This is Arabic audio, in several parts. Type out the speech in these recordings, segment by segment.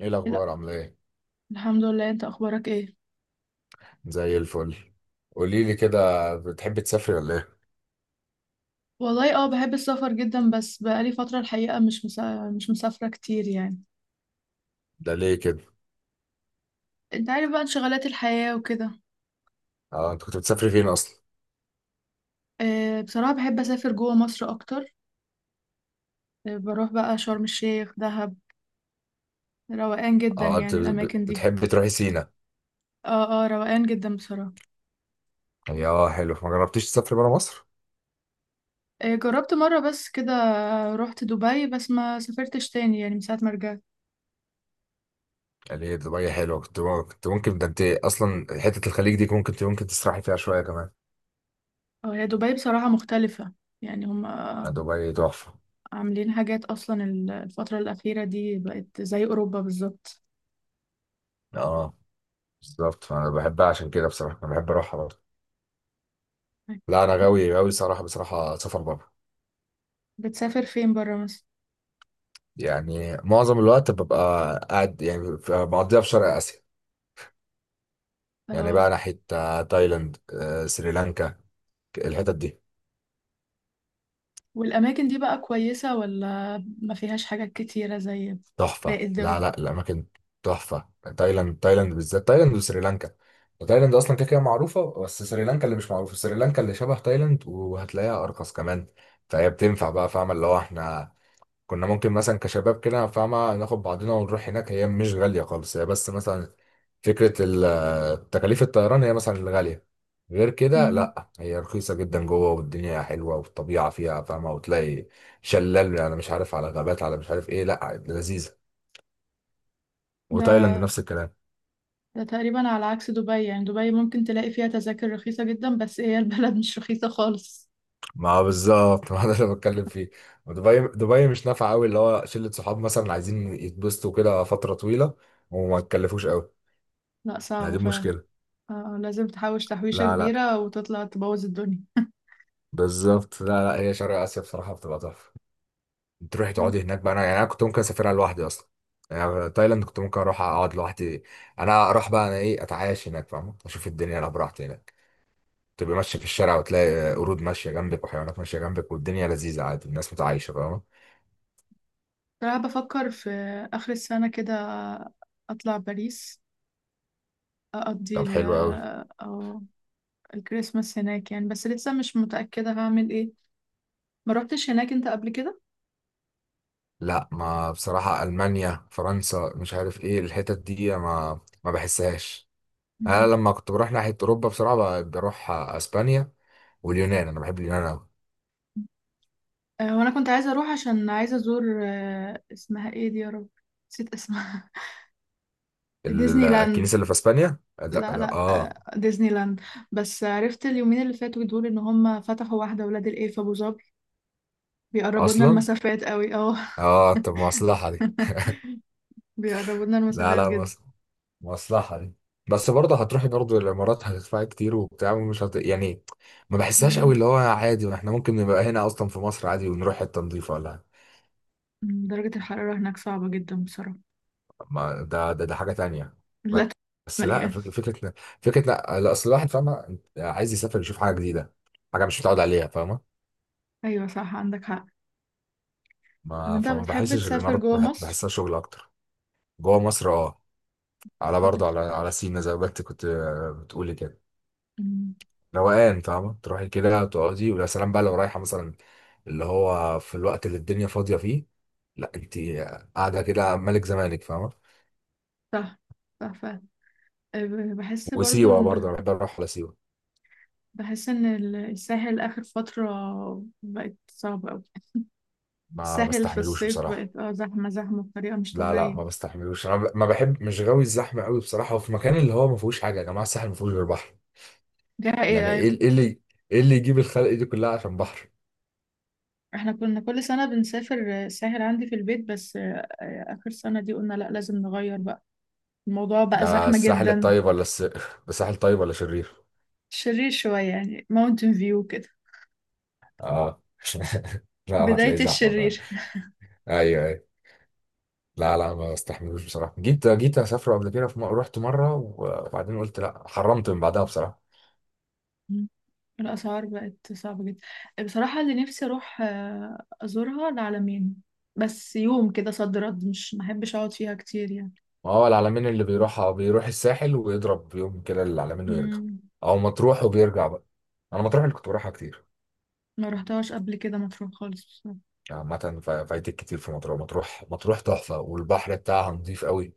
ايه لا. الاخبار؟ عامله ايه؟ الحمد لله، انت اخبارك ايه؟ زي الفل. قولي لي كده، بتحبي تسافري ولا ايه؟ والله اه، بحب السفر جدا بس بقالي فترة الحقيقة مش مسافرة كتير يعني. ده ليه كده؟ انت عارف بقى انشغالات الحياة وكده. اه، انت كنت بتسافري فين اصلا؟ آه بصراحة بحب اسافر جوه مصر اكتر. آه بروح بقى شرم الشيخ دهب. روقان جدا اه، انت يعني الاماكن دي. بتحبي تروحي سينا؟ اه روقان جدا بصراحة. يا حلو، ما جربتيش تسافري بره مصر؟ آه جربت مرة بس كده. رحت دبي بس ما سافرتش تاني يعني من ساعة ما رجعت. ليه؟ دبي حلوه، كنت ممكن، ده انت اصلا حته الخليج دي ممكن تسرحي فيها شويه كمان. اه هي دبي بصراحة مختلفة. يعني هم ما دبي تحفه. عاملين حاجات اصلا. الفترة الأخيرة دي بقت زي أوروبا بالظبط. اه بالظبط، فانا بحبها عشان كده، بصراحه انا بحب اروحها برضه. لا انا غاوي صراحه، بصراحه سفر بره. بتسافر فين بره مصر؟ يعني معظم الوقت ببقى قاعد، يعني بقضيها في شرق اسيا. يعني اه بقى ناحية تايلاند، سريلانكا. الحتت دي والأماكن دي بقى كويسة ولا ما فيهاش حاجات كتيرة زي تحفة. باقي لا الدول؟ لا الأماكن تحفة. تايلاند، بالذات تايلاند وسريلانكا. تايلاند أصلا كده كده معروفة، بس سريلانكا اللي مش معروفة. سريلانكا اللي شبه تايلاند وهتلاقيها أرخص كمان. فهي بتنفع بقى، فاهمة، اللي هو احنا كنا ممكن مثلا كشباب كده، فاهمة، ناخد بعضنا ونروح هناك. هي مش غالية خالص، هي بس مثلا فكرة تكاليف الطيران هي مثلا الغالية. غير كده مم. لا، هي رخيصة جدا جوه، والدنيا حلوة والطبيعة فيها، فاهمة، وتلاقي شلال، أنا مش عارف، على غابات، على مش عارف إيه، لا لذيذة. وتايلاند نفس ده الكلام. ده تقريبا على عكس دبي، يعني دبي ممكن تلاقي فيها تذاكر رخيصة جدا بس هي البلد مش رخيصة خالص. ما بالظبط، ما ده اللي بتكلم فيه. ودبي، دبي مش نافعة قوي اللي هو شلة صحاب مثلا عايزين يتبسطوا كده فترة طويلة وما تكلفوش قوي. لا لا صعبة دي فعلا. مشكلة. آه لازم تحوش تحويشة لا لا، كبيرة وتطلع تبوظ الدنيا. بالظبط. لا لا، هي شرق اسيا بصراحه بتبقى تحفه. تروحي تقعدي هناك بقى، انا يعني انا كنت ممكن اسافرها لوحدي اصلا. يعني تايلاند كنت ممكن اروح اقعد لوحدي. انا اروح بقى، انا ايه، اتعايش هناك، فاهم، اشوف الدنيا انا براحتي هناك. تبقى ماشيه في الشارع وتلاقي قرود ماشيه جنبك وحيوانات ماشيه جنبك، والدنيا لذيذه، عادي، الناس متعايشه، فاهم. بصراحة بفكر في آخر السنة كده أطلع باريس، أقضي طب ال- حلو قوي. أو الكريسماس هناك يعني، بس لسه مش متأكدة هعمل إيه. ما روحتش هناك انت قبل كده؟ لا، ما بصراحه المانيا فرنسا مش عارف ايه الحتت دي، ما بحسهاش. انا مم. لما كنت بروح ناحيه اوروبا بصراحه بروح اسبانيا واليونان. انا بحب اليونان قوي. آه، وانا كنت عايزه اروح عشان عايزه ازور آه، اسمها ايه دي يا رب، نسيت اسمها. ديزني لاند. الكنيسة اللي في اسبانيا، لا, لا لا لا اه. آه، ديزني لاند. بس عرفت اليومين اللي فاتوا دول ان هم فتحوا واحده ولاد الايه في ابو ظبي. بيقربوا لنا اصلا المسافات قوي اه. اه، طب مصلحة دي. بيقربوا لنا لا المسافات لا جدا. مصلحة دي. بس برضه هتروحي برضه الامارات، هتدفعي كتير وبتاع ومش هت... يعني ما بحسهاش قوي مم. اللي هو عادي، ما احنا ممكن نبقى هنا اصلا في مصر عادي ونروح حتة نضيفة ولا حاجة. مم، درجه الحراره هناك صعبه جدا بصراحه. ما ده حاجة تانية. لا بس لا مليان. فكرة، فكرة، لا لا، اصل الواحد، فاهمة، عايز يسافر يشوف حاجة جديدة، حاجة مش متعود عليها، فاهمة. ايوه صح، عندك حق. طب ما انت فما بتحب بحسش تسافر الامارات جوه مصر؟ بحسها شغل اكتر. جوه مصر اه، على بتحب ت- برضه على على سينا زي ما انت كنت بتقولي كده. مم، روقان، فاهمة، تروحي كده تقعدي، ويا سلام بقى لو رايحة مثلا اللي هو في الوقت اللي الدنيا فاضية فيه. لا انت قاعدة كده ملك زمانك، فاهمة. صح صح فعلا. آه، بحس برضو وسيوة برضه ان انا بحب اروح على سيوة. بحس إن الساحل آخر فترة بقت صعبة أوي. ما الساحل في بستحملوش الصيف بصراحة. بقت اه زحمة زحمة بطريقة مش لا لا طبيعية. ما بستحملوش، انا ب-، ما بحب، مش غاوي الزحمة قوي بصراحة، وفي مكان اللي هو ما فيهوش حاجة، يا جماعة الساحل ما فيهوش غير بحر، ده ايه؟ يعني أيوة ايه، ايه اللي يجيب الخلق دي كلها عشان بحر؟ احنا كنا كل سنة بنسافر الساحل عندي في البيت، بس آه، آخر سنة دي قلنا لأ لازم نغير بقى، الموضوع بقى ده زحمة الساحل جدا. الطيب ولا الس...؟ الساحل طيب ولا شرير؟ شرير شوية يعني ماونتن فيو كده. اه. لا بداية هتلاقيه زحمه فعلا. الشرير. ايوه، لا لا ما بستحملوش بصراحه، جيت اسافر قبل كده في م...، رحت مره وبعدين قلت لا، حرمت من بعدها بصراحه. الأسعار بقت صعبة جدا. بصراحة اللي نفسي أروح آه، أزورها العلمين. بس يوم كده صد رد مش محبش أقعد فيها كتير يعني. ما هو العلمين اللي بيروح الساحل ويضرب يوم كده العلمين ويرجع، مم. او مطروح وبيرجع بقى. انا مطروح اللي كنت بروحها كتير. ما رحتهاش قبل كده مطروح خالص بصراحة. عامه فايتك كتير في مطروح، مطروح تحفه والبحر بتاعها نظيف قوي،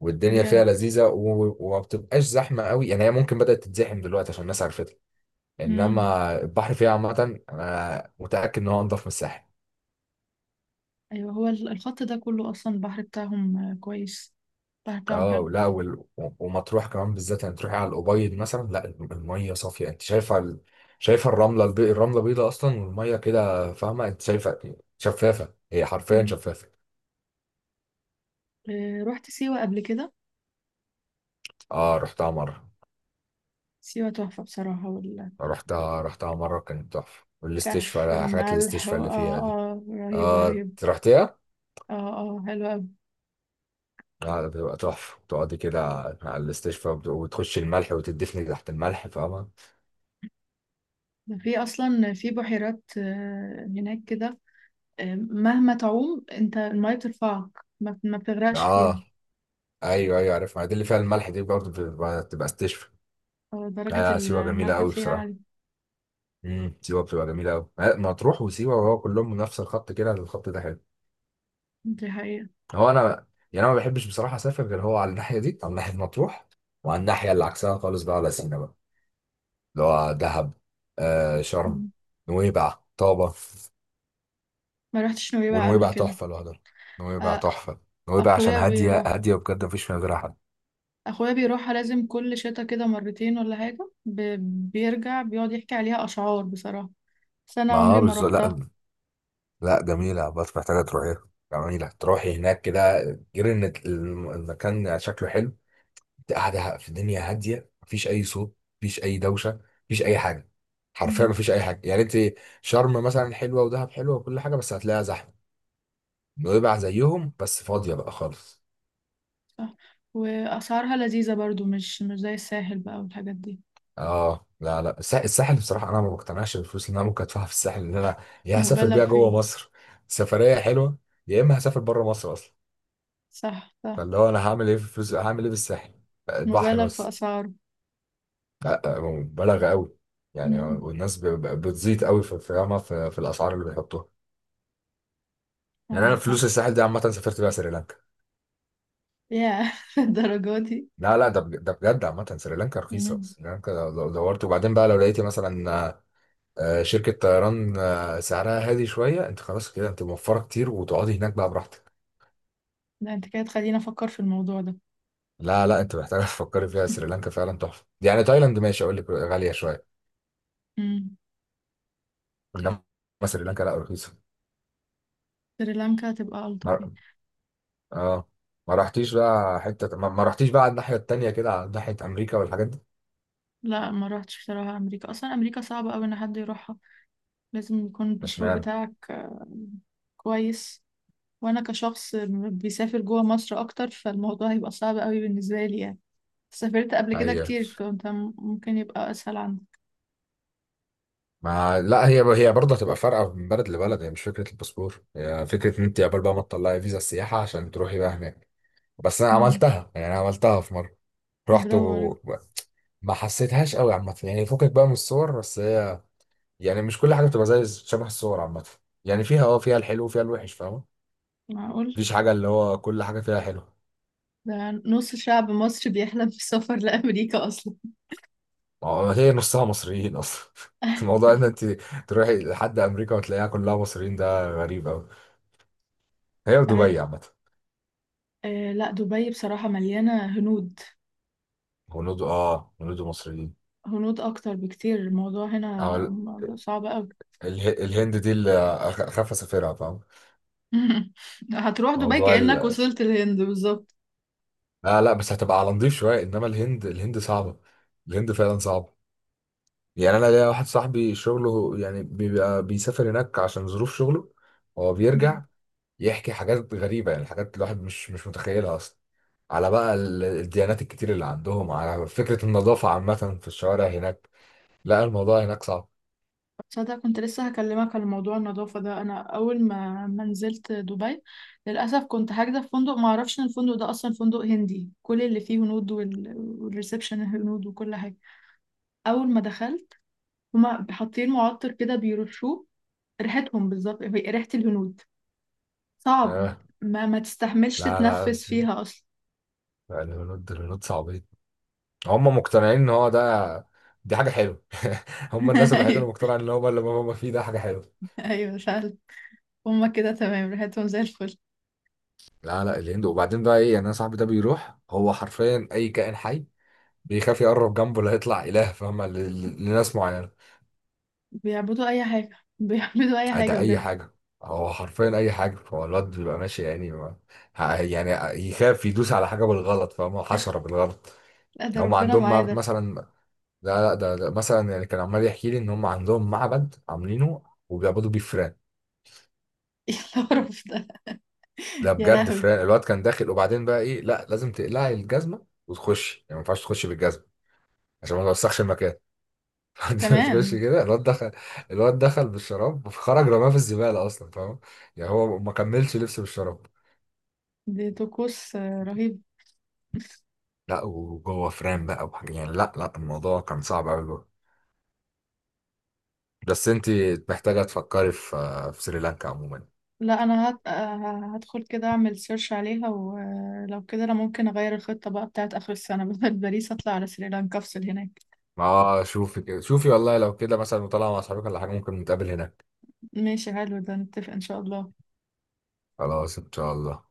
والدنيا بجد. فيها لذيذه و... وما بتبقاش زحمه قوي، يعني هي ممكن بدات تتزحم دلوقتي عشان الناس عرفتها، مم. انما البحر فيها عامه انا متاكد ان هو انضف من الساحل. ايوه هو الخط ده كله اصلا البحر بتاعهم آه، كويس. البحر بتاعهم حلو. اه لا وال...، ومطروح كمان بالذات، يعني تروحي على الأبيض مثلا، لا المية صافية، انت شايفة ال...، شايفة الرملة الب...، الرملة بيضة اصلا، والمية كده، فاهمة، انت شايفة شفافة، هي حرفيا مم. شفافة. آه، رحت سيوة قبل كده. اه رحتها مرة. سيوة تحفة بصراحة. رحتها مرة، كانت تحفة، والاستشفاء، حاجات الاستشفاء اللي اه فيها دي. اه رهيبة اه، رهيبة. أنت رحتيها؟ اه اه حلوة أوي. اه ده بتبقى تحفة، تقعدي كده على الاستشفاء، وتخشي الملح وتدفني تحت الملح، فاهمة. في أصلا في بحيرات آه، هناك كده. آه، مهما تعوم انت المية بترفعك، ما بتغرقش فيها. اه ايوه ايوه عارف، ما دي اللي فيها الملح دي برضه بتبقى استشفى. آه، درجة لا سيوه جميله الملح قوي فيها بصراحه. عالية. سيوه بتبقى جميله قوي، مطروح وسيوه، وهو كلهم من نفس الخط كده، الخط ده حلو. دي حقيقة. هو انا، يعني انا ما بحبش بصراحه اسافر غير هو على الناحيه دي، على ناحيه مطروح، وعلى الناحيه اللي عكسها خالص بقى، على سينا بقى، اللي هو دهب، آه شرم، مم. نويبع، طابه. ما رحتش نويبع قبل ونويبع كده. تحفه لوحدها، نويبع آه، تحفه، نويبع عشان اخويا هاديه، بيروح. هاديه بجد، ما فيش فيها غيرها حد. اخويا بيروحها لازم كل شتا كده مرتين ولا حاجة بيرجع بيقعد يحكي عليها اشعار بصراحة. بس انا ما عمري ما بالظبط. روحتها. لا لا جميلة، بس محتاجة تروحيها. جميلة، تروحي هناك كده، غير ان المكان شكله حلو، انت قاعدة في الدنيا هادية، مفيش أي صوت، مفيش أي دوشة، مفيش أي حاجة، حرفيا مم. مفيش أي حاجة، يعني انت. شرم مثلا حلوة ودهب حلوة وكل حاجة، بس هتلاقيها زحمة. نويبع زيهم بس فاضية بقى خالص. صح. واسعارها لذيذة برضو، مش زي الساحل بقى والحاجات دي. اه لا لا الساحل بصراحة، أنا ما بقتنعش بالفلوس اللي أنا ممكن أدفعها في الساحل، إن أنا يا هسافر مبالغ بيها جوه فيه. مصر سفرية حلوة، يا إما هسافر بره مصر أصلا. صح صح. فاللي هو انا هعمل ايه في فلوس، هعمل ايه بالساحل؟ البحر مبالغ في بس. اسعاره. لا هو مبالغه قوي، يعني مم. والناس بتزيد قوي في في، فاهمة، في الاسعار اللي بيحطوها. يعني انا عندك حق. فلوس الساحل دي عامه سافرت بيها سريلانكا. يا الدرجة دي. لا لا ده ده بجد، عامه سريلانكا رخيصه، مم. سريلانكا لو دورت، وبعدين بقى لو لقيتي مثلا شركه طيران سعرها هادي شويه، انت خلاص كده، انت موفره كتير وتقعدي هناك بقى براحتك. لا انت كده تخليني افكر في الموضوع ده. لا لا انت محتاجه، تفكري فيها، سريلانكا فعلا تحفه، يعني تايلاند ماشي اقول لك غاليه شويه، مم. انما سريلانكا لا رخيصه. سريلانكا هتبقى الطف يعني. اه، ما رحتيش بقى حتة ما رحتيش بقى على الناحية التانية كده، على ناحية أمريكا والحاجات دي؟ لا ما روحتش بصراحة، امريكا اصلا امريكا صعبة قوي ان حد يروحها. لازم يكون مش الباسبور معنى، بتاعك آه، كويس. وانا كشخص بيسافر جوه مصر اكتر، فالموضوع هيبقى صعب قوي بالنسبه لي يعني. سافرت قبل كده هي كتير، فانت ممكن يبقى اسهل عندك. ما لا هي هي برضه هتبقى فارقة من بلد لبلد، هي مش فكرة الباسبور، هي فكرة إن أنت قبل بقى ما تطلعي فيزا السياحة عشان تروحي بقى هناك. بس أنا امم. عملتها، يعني أنا عملتها في مرة، رحت برافو عليك. وما حسيتهاش قوي عامة، يعني فكك بقى من الصور، بس هي يعني مش كل حاجة بتبقى زي شبه الصور عامة، يعني فيها اه، فيها الحلو وفيها الوحش، فاهمة. معقول. مفيش حاجة اللي هو كل حاجة فيها حلو. ده نص شعب مصر بيحلم بالسفر لامريكا اصلا. ما هو هي نصها مصريين اصلا. الموضوع ان انت تروحي لحد امريكا وتلاقيها كلها مصريين، ده غريب قوي. هي آه، ودبي عامه، آه، لا دبي بصراحه مليانه هنود. هنود، اه هنود مصريين. هنود اكتر بكتير، الموضوع هنا او صعب قوي. الهند دي اللي اخاف اسافرها، فاهم؟ هتروح دبي موضوع كانك ال...، وصلت الهند بالظبط. لا لا بس هتبقى على نضيف شويه، انما الهند، صعبه، الهند فعلا صعبه. يعني انا ليا واحد صاحبي شغله، يعني بيبقى بيسافر هناك عشان ظروف شغله، هو بيرجع يحكي حاجات غريبة، يعني حاجات الواحد مش متخيلها أصلا، على بقى الديانات الكتير اللي عندهم، على فكرة النظافة عامة في الشوارع هناك. لا الموضوع هناك صعب. تصدق كنت لسه هكلمك على موضوع النظافة ده. أنا أول ما نزلت دبي، للأسف كنت حاجزة في فندق، ما أعرفش إن الفندق ده أصلا فندق هندي، كل اللي فيه هنود، وال... والريسبشن هنود وكل حاجة. أول ما دخلت هما حاطين معطر كده بيرشوه، ريحتهم بالظبط هي ريحة الهنود. صعب. آه، ما تستحملش لا لا، تتنفس فيها أصلا. الهنود الهنود صعبين، هم مقتنعين إن هو ده دي حاجة حلوة. هم الناس الوحيدة اللي أيوه مقتنعة إن هو اللي هم فيه ده حاجة حلوة. أيوه فعلا. هما كده تمام، ريحتهم زي الفل. لا لا الهند، وبعدين بقى إيه يعني، أنا صاحبي ده بيروح، هو حرفيا أي كائن حي بيخاف يقرب جنبه، لا يطلع إله، فاهمة، لناس معينة. بيعبدوا أي حاجة، بيعبدوا أي حاجة ده اي بجد. حاجه، هو حرفيا اي حاجه، هو الواد بيبقى ماشي يعني ما...، يعني يخاف يدوس على حاجه بالغلط، فاهم، حشره بالغلط. لا ده هم ربنا عندهم معايا ده. مثلا، لا لا ده مثلا يعني، كان عمال يحكي لي ان هم عندهم معبد عاملينه وبيعبدوا بيه فئران، إيه القرف ده؟ ده يا بجد، لهوي! فئران. الواد كان داخل، وبعدين بقى ايه، لا لازم تقلعي الجزمه وتخش، يعني ما ينفعش تخش بالجزمه عشان ما توسخش المكان. تخش كمان. كده، الواد دخل، الواد دخل بالشراب وخرج رماه في الزباله اصلا، فاهم، يعني هو ما كملش لبسه بالشراب. دي طقوس آه، رهيب. لا وجوه فريم بقى وحاجة، يعني لا لا الموضوع كان صعب قوي. بس انت محتاجة تفكري في في سريلانكا عموما. لا انا آه، هدخل كده اعمل سيرش عليها، ولو كده انا ممكن اغير الخطة بقى بتاعت اخر السنة، بدل باريس اطلع على سريلانكا افصل هناك. ما شوفي كده، شوفي والله، لو كده مثلا وطالعة مع اصحابك ولا حاجة ممكن نتقابل هناك. ماشي حلو، ده نتفق ان شاء الله. خلاص، ان شاء الله.